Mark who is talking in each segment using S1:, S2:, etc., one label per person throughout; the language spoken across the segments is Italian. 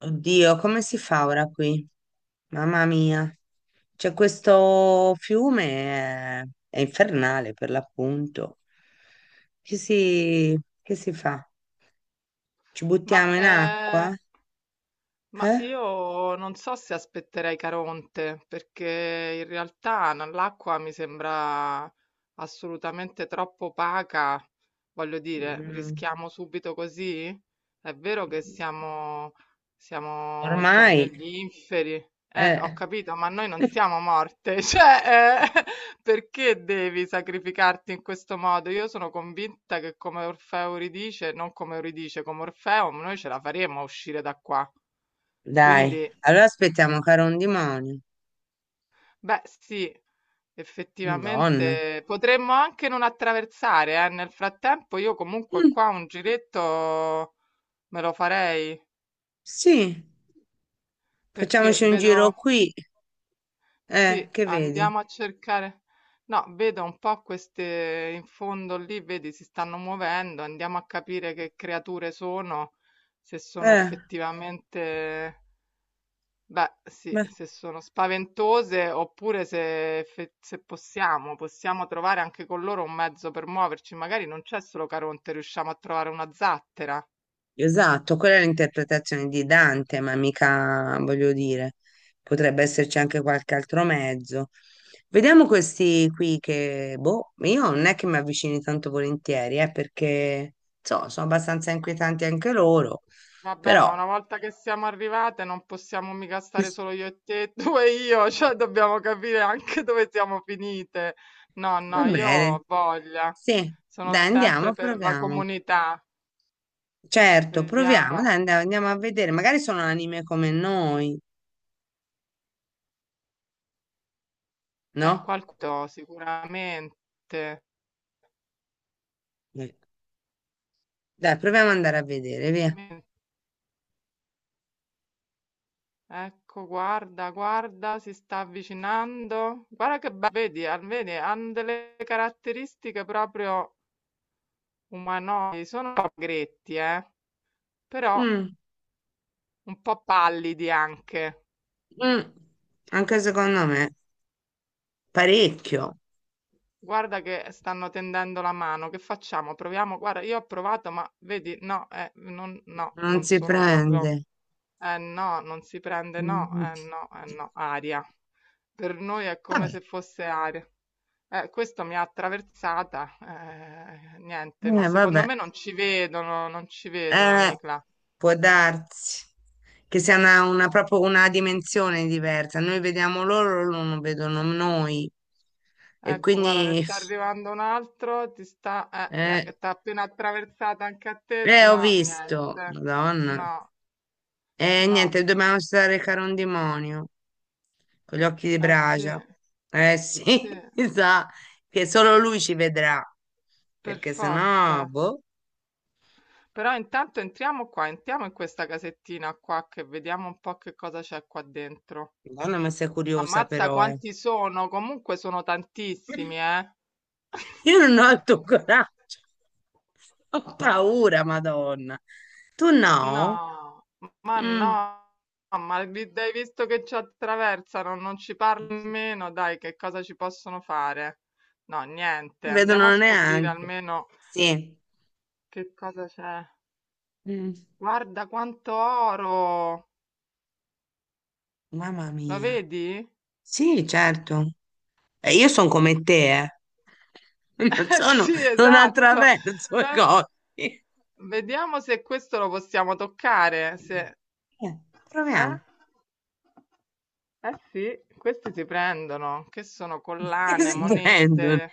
S1: Oddio, come si fa ora qui? Mamma mia. C'è questo fiume, è, è infernale per l'appunto. Che si fa? Ci
S2: Ma,
S1: buttiamo in
S2: ehm
S1: acqua?
S2: ma
S1: Eh?
S2: io non so se aspetterei Caronte, perché in realtà l'acqua mi sembra assolutamente troppo opaca. Voglio dire,
S1: Mm,
S2: rischiamo subito così? È vero che siamo già
S1: ormai,
S2: negli inferi. Ho
S1: eh.
S2: capito, ma noi non siamo morte. Cioè, perché devi sacrificarti in questo modo? Io sono convinta che come Orfeo ridice, non come Euridice, come Orfeo, noi ce la faremo a uscire da qua.
S1: Dai,
S2: Quindi,
S1: allora aspettiamo che era un demonio.
S2: beh, sì,
S1: Madonna.
S2: effettivamente potremmo anche non attraversare, eh. Nel frattempo io comunque
S1: Mm,
S2: qua un giretto me lo farei,
S1: sì,
S2: perché
S1: facciamoci un
S2: vedo,
S1: giro qui.
S2: sì,
S1: Che vedi?
S2: andiamo a cercare, no, vedo un po' queste in fondo lì, vedi, si stanno muovendo, andiamo a capire che creature sono, se sono
S1: Eh,
S2: effettivamente... Beh, sì,
S1: beh.
S2: se sono spaventose oppure se, se possiamo trovare anche con loro un mezzo per muoverci. Magari non c'è solo Caronte, riusciamo a trovare una zattera.
S1: Esatto, quella è l'interpretazione di Dante, ma mica, voglio dire, potrebbe esserci anche qualche altro mezzo. Vediamo questi qui che, boh, io non è che mi avvicini tanto volentieri, perché, sono abbastanza inquietanti anche loro,
S2: Vabbè, ma
S1: però
S2: una volta che siamo arrivate non possiamo mica stare solo io e te, tu e io, cioè dobbiamo capire anche dove siamo finite. No,
S1: va
S2: no, io
S1: bene.
S2: ho voglia,
S1: Sì,
S2: sono
S1: dai,
S2: sempre
S1: andiamo,
S2: per la
S1: proviamo.
S2: comunità.
S1: Certo, proviamo,
S2: Vediamo,
S1: dai, andiamo a vedere. Magari sono anime come noi, no?
S2: qualcuno sicuramente.
S1: Eh. Dai, proviamo ad andare a vedere, via.
S2: Ecco, guarda, guarda, si sta avvicinando. Guarda che bello, vedi, vedi, hanno delle caratteristiche proprio umanoidi, sono un po' gretti, però
S1: Mm.
S2: un po' pallidi anche.
S1: Mm, anche secondo me, parecchio,
S2: Guarda che stanno tendendo la mano, che facciamo? Proviamo, guarda, io ho provato, ma vedi, no, non, no,
S1: non
S2: non
S1: si
S2: sono
S1: prende.
S2: proprio, eh no, non si prende, no,
S1: Mm.
S2: eh no, eh no, aria. Per noi è come
S1: Vabbè,
S2: se fosse aria. Questo mi ha attraversata, niente, ma secondo
S1: vabbè.
S2: me non ci vedono, non ci vedono,
S1: Eh,
S2: Nicla.
S1: può darsi che sia proprio una dimensione diversa. Noi vediamo loro, loro non vedono noi. E
S2: Ecco, guarda, ne
S1: quindi,
S2: sta arrivando un altro, ti sta, eh,
S1: eh,
S2: eh, t'ha appena attraversata anche a te?
S1: ho
S2: No,
S1: visto,
S2: niente,
S1: Madonna.
S2: no,
S1: E
S2: no,
S1: niente, dobbiamo recare un demonio con gli occhi di
S2: eh sì,
S1: bragia. Eh sì,
S2: sì,
S1: mi sa che solo lui ci vedrà,
S2: per
S1: perché sennò,
S2: forza.
S1: boh,
S2: Però intanto entriamo qua, entriamo in questa casettina qua che vediamo un po' che cosa c'è qua dentro.
S1: Madonna, ma sei curiosa
S2: Ammazza
S1: però, eh.
S2: quanti sono, comunque sono tantissimi, eh.
S1: Io non ho il tuo coraggio, ho paura, Madonna. Tu no?
S2: No, ma
S1: Mm.
S2: no, dai visto che ci attraversano, non ci parli nemmeno, dai, che cosa ci possono fare? No, niente,
S1: Ti
S2: andiamo a
S1: vedono
S2: scoprire
S1: neanche.
S2: almeno
S1: Sì.
S2: che cosa c'è.
S1: Mm.
S2: Guarda quanto oro!
S1: Mamma
S2: Lo
S1: mia.
S2: vedi?
S1: Sì, certo. E io sono come te, eh.
S2: Sì,
S1: Non
S2: esatto.
S1: attraverso i
S2: Noi-
S1: cosi.
S2: Vediamo se questo lo possiamo toccare, se...
S1: Eh,
S2: Eh?
S1: proviamo.
S2: Eh sì, questi si prendono, che sono
S1: Che
S2: collane,
S1: si prendono?
S2: monete.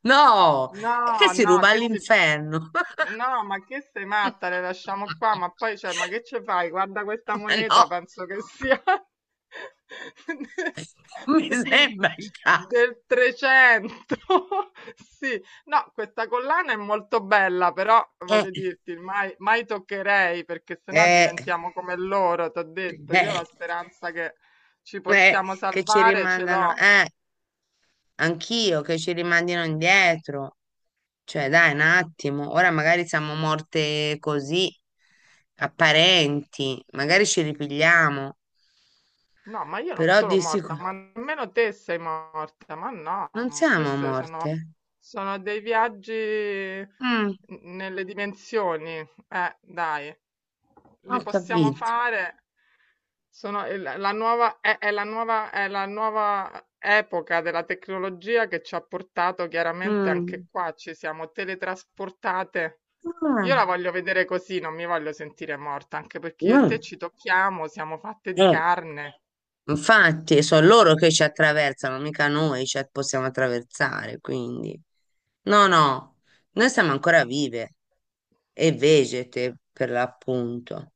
S1: No, è che
S2: No,
S1: si
S2: no,
S1: ruba
S2: che si...
S1: all'inferno.
S2: No, ma che sei matta, le lasciamo qua, ma poi, cioè, ma che ci fai? Guarda questa
S1: Ma no,
S2: moneta, penso che sia...
S1: non mi
S2: Dell'im
S1: sembra il caso.
S2: del Trecento, sì. No, questa collana è molto bella, però
S1: Eh,
S2: voglio dirti, mai, mai toccherei perché sennò
S1: eh,
S2: diventiamo come loro, t'ho detto. Io
S1: eh,
S2: la speranza che ci possiamo
S1: che ci
S2: salvare ce
S1: rimandano,
S2: l'ho.
S1: anch'io che ci rimandino indietro. Cioè, dai, un attimo, ora magari siamo morte così, apparenti, magari ci ripigliamo,
S2: No, ma io non
S1: però
S2: sono
S1: di
S2: morta,
S1: sicuro
S2: ma nemmeno te sei morta, ma
S1: non
S2: no,
S1: siamo
S2: questi
S1: morte.
S2: sono, sono dei viaggi
S1: Mm,
S2: nelle dimensioni. Dai,
S1: ho
S2: li possiamo
S1: capito.
S2: fare. La nuova, è la nuova epoca della tecnologia che ci ha portato chiaramente anche
S1: Mm.
S2: qua, ci siamo teletrasportate. Io
S1: Ah,
S2: la voglio vedere così, non mi voglio sentire morta, anche perché io e te
S1: no,
S2: ci tocchiamo, siamo fatte di
S1: eh,
S2: carne.
S1: infatti, sono loro che ci attraversano, mica noi ci possiamo attraversare, quindi. No, no, noi siamo ancora vive e vegete, per l'appunto.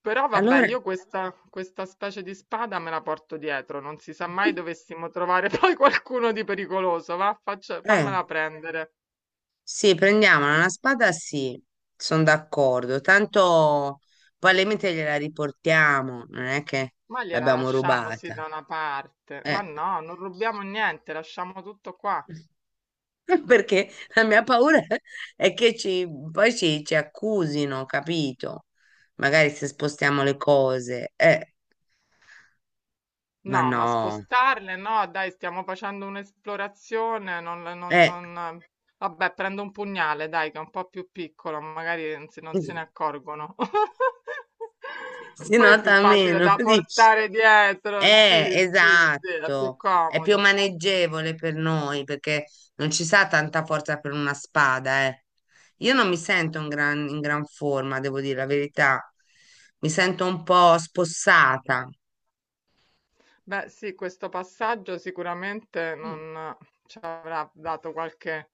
S2: Però vabbè,
S1: Allora,
S2: io questa, questa specie di spada me la porto dietro, non si sa mai dovessimo trovare poi qualcuno di pericoloso, va,
S1: eh,
S2: fammela prendere.
S1: sì, prendiamola, una spada sì, sono d'accordo, tanto probabilmente gliela riportiamo, non è che
S2: Ma gliela
S1: l'abbiamo
S2: lasciamo sì
S1: rubata.
S2: da una parte. Ma
S1: Eh,
S2: no, non rubiamo niente, lasciamo tutto qua.
S1: perché la mia paura è poi ci accusino, capito? Magari se spostiamo le cose, ma
S2: No,
S1: no,
S2: ma spostarle? No, dai, stiamo facendo un'esplorazione. Non, non,
S1: eh,
S2: non... Vabbè, prendo un pugnale, dai, che è un po' più piccolo, magari non se ne accorgono.
S1: si
S2: Poi è più
S1: nota
S2: facile
S1: meno,
S2: da
S1: dici?
S2: portare dietro. Sì, sì, sì, è più
S1: Esatto, è più
S2: comodo.
S1: maneggevole per noi perché non ci sa tanta forza per una spada, eh. Io non mi sento in gran forma, devo dire la verità. Mi sento un po' spossata.
S2: Beh, sì, questo passaggio sicuramente non ci avrà dato qualche,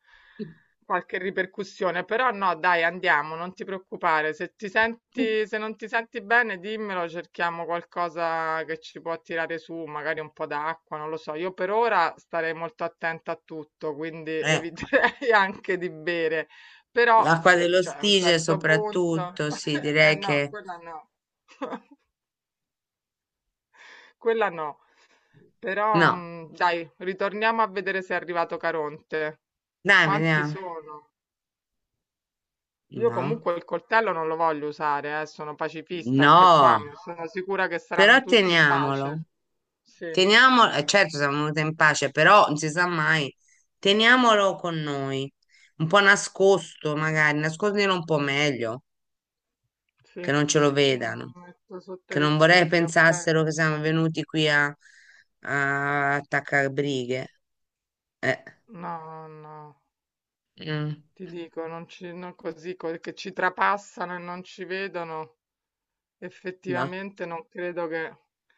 S2: qualche ripercussione, però no, dai, andiamo, non ti preoccupare. Se ti senti, se non ti senti bene, dimmelo, cerchiamo qualcosa che ci può tirare su, magari un po' d'acqua, non lo so. Io per ora starei molto attenta a tutto, quindi
S1: Eh.
S2: eviterei anche di bere. Però,
S1: L'acqua
S2: se,
S1: dello
S2: cioè, a un
S1: Stige
S2: certo punto,
S1: soprattutto, sì,
S2: eh
S1: direi
S2: no,
S1: che
S2: quella no. Quella no. Però,
S1: no.
S2: dai, ritorniamo a vedere se è arrivato Caronte.
S1: Dai,
S2: Quanti
S1: vediamo.
S2: sono? Io
S1: No,
S2: comunque il coltello non lo voglio usare, sono pacifista anche qua,
S1: no,
S2: mi sono sicura che saranno
S1: però
S2: tutti in
S1: teniamolo.
S2: pace. Sì,
S1: Teniamolo, certo siamo venuti in pace, però non si sa mai, teniamolo con noi, un po' nascosto magari, nascondilo un po' meglio, che
S2: sì.
S1: non ce lo
S2: Mm,
S1: vedano,
S2: metto sotto
S1: che
S2: i
S1: non vorrei
S2: vestiti, ok.
S1: pensassero che siamo venuti qui a, a attaccare brighe. Eh,
S2: No, no,
S1: mm,
S2: ti dico, non ci, non così, che ci trapassano e non ci vedono,
S1: no,
S2: effettivamente non credo che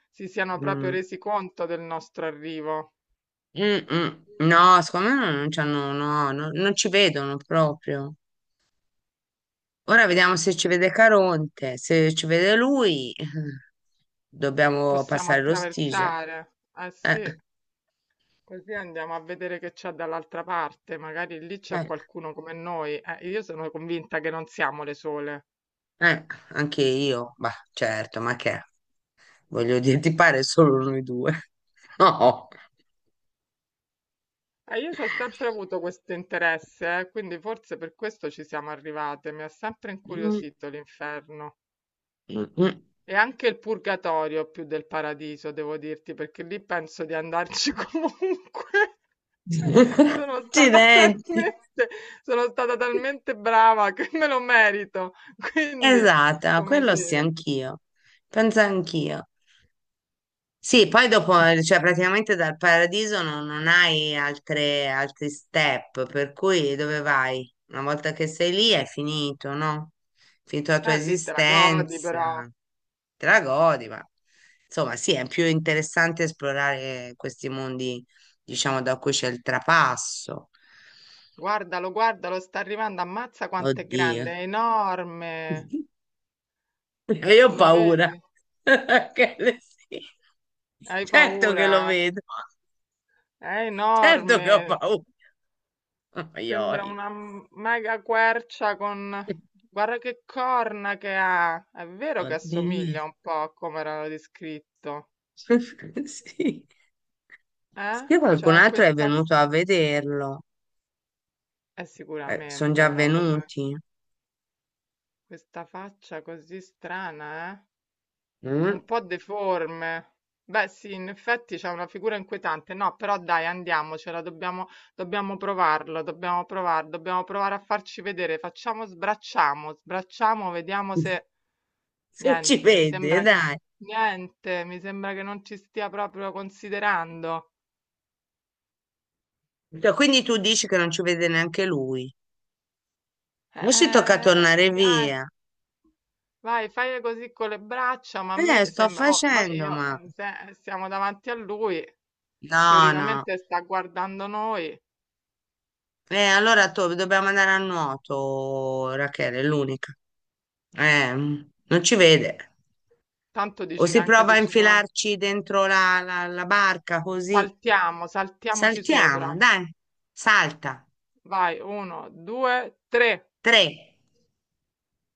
S2: si siano proprio
S1: mm,
S2: resi conto del nostro arrivo.
S1: mm, mm, no, secondo me non, non c'hanno, no, no, non ci vedono proprio. Ora vediamo se ci vede Caronte, se ci vede lui, dobbiamo
S2: Possiamo
S1: passare l'ostige.
S2: attraversare. Eh
S1: Eh,
S2: sì, così andiamo a vedere che c'è dall'altra parte. Magari lì c'è
S1: eh,
S2: qualcuno come noi. Io sono convinta che non siamo le sole.
S1: eh, anche io, bah, certo, ma che è? Voglio dire, ti pare solo noi due? No.
S2: E io ci ho sempre avuto questo interesse, quindi forse per questo ci siamo arrivate. Mi ha sempre
S1: Mm,
S2: incuriosito l'inferno.
S1: mm, mm.
S2: E anche il purgatorio più del paradiso, devo dirti, perché lì penso di andarci comunque. Sono stata
S1: Accidenti.
S2: talmente, sono stata talmente brava che me lo merito. Quindi,
S1: Esatto,
S2: come
S1: quello sì,
S2: dire,
S1: anch'io. Penso anch'io. Sì, poi dopo, cioè praticamente dal paradiso non, non hai altre, altri step, per cui dove vai? Una volta che sei lì è finito, no? Finito la tua
S2: ah, lì te la godi
S1: esistenza,
S2: però.
S1: te la godi, ma insomma sì, è più interessante esplorare questi mondi, diciamo, da cui c'è il trapasso.
S2: Guardalo, guardalo, sta arrivando. Ammazza quanto è
S1: Oddio,
S2: grande, è enorme.
S1: io ho
S2: Lo
S1: paura.
S2: vedi?
S1: Che le- sì.
S2: Hai
S1: Certo che
S2: paura?
S1: lo vedo,
S2: È
S1: certo che ho
S2: enorme.
S1: paura. Oi,
S2: Sembra
S1: oi.
S2: una mega quercia con... Guarda che corna che ha! È vero che
S1: Oddio.
S2: assomiglia un po' a come l'hanno descritto,
S1: Sì.
S2: eh?
S1: Che qualcun
S2: Cioè
S1: altro è
S2: questa...
S1: venuto a vederlo. Sono
S2: Sicuramente
S1: già
S2: avrà avuto
S1: venuti.
S2: questa faccia così strana, eh?
S1: Mm?
S2: Un po' deforme. Beh, sì, in effetti c'è una figura inquietante. No, però dai, andiamocela, dobbiamo provare a farci vedere. Facciamo, sbracciamo, sbracciamo, vediamo se...
S1: Se ci
S2: Niente, mi
S1: vede,
S2: sembra che
S1: dai.
S2: niente, mi sembra che non ci stia proprio considerando.
S1: Cioè, quindi tu dici che non ci vede neanche lui. Adesso ci tocca tornare
S2: Dai,
S1: via.
S2: vai, fai così con le braccia, ma a me
S1: Sto
S2: sembra, oh, noi
S1: facendo,
S2: io,
S1: ma...
S2: siamo davanti a lui,
S1: No, no.
S2: teoricamente sta guardando noi.
S1: Allora to- dobbiamo andare a nuoto, Rachele, è l'unica. Non ci vede.
S2: Tanto
S1: O
S2: dici che
S1: si
S2: anche
S1: prova
S2: se
S1: a
S2: ci sono,
S1: infilarci dentro la barca così.
S2: saltiamo, saltiamoci
S1: Saltiamo,
S2: sopra.
S1: dai, salta.
S2: Vai, uno, due, tre.
S1: Tre.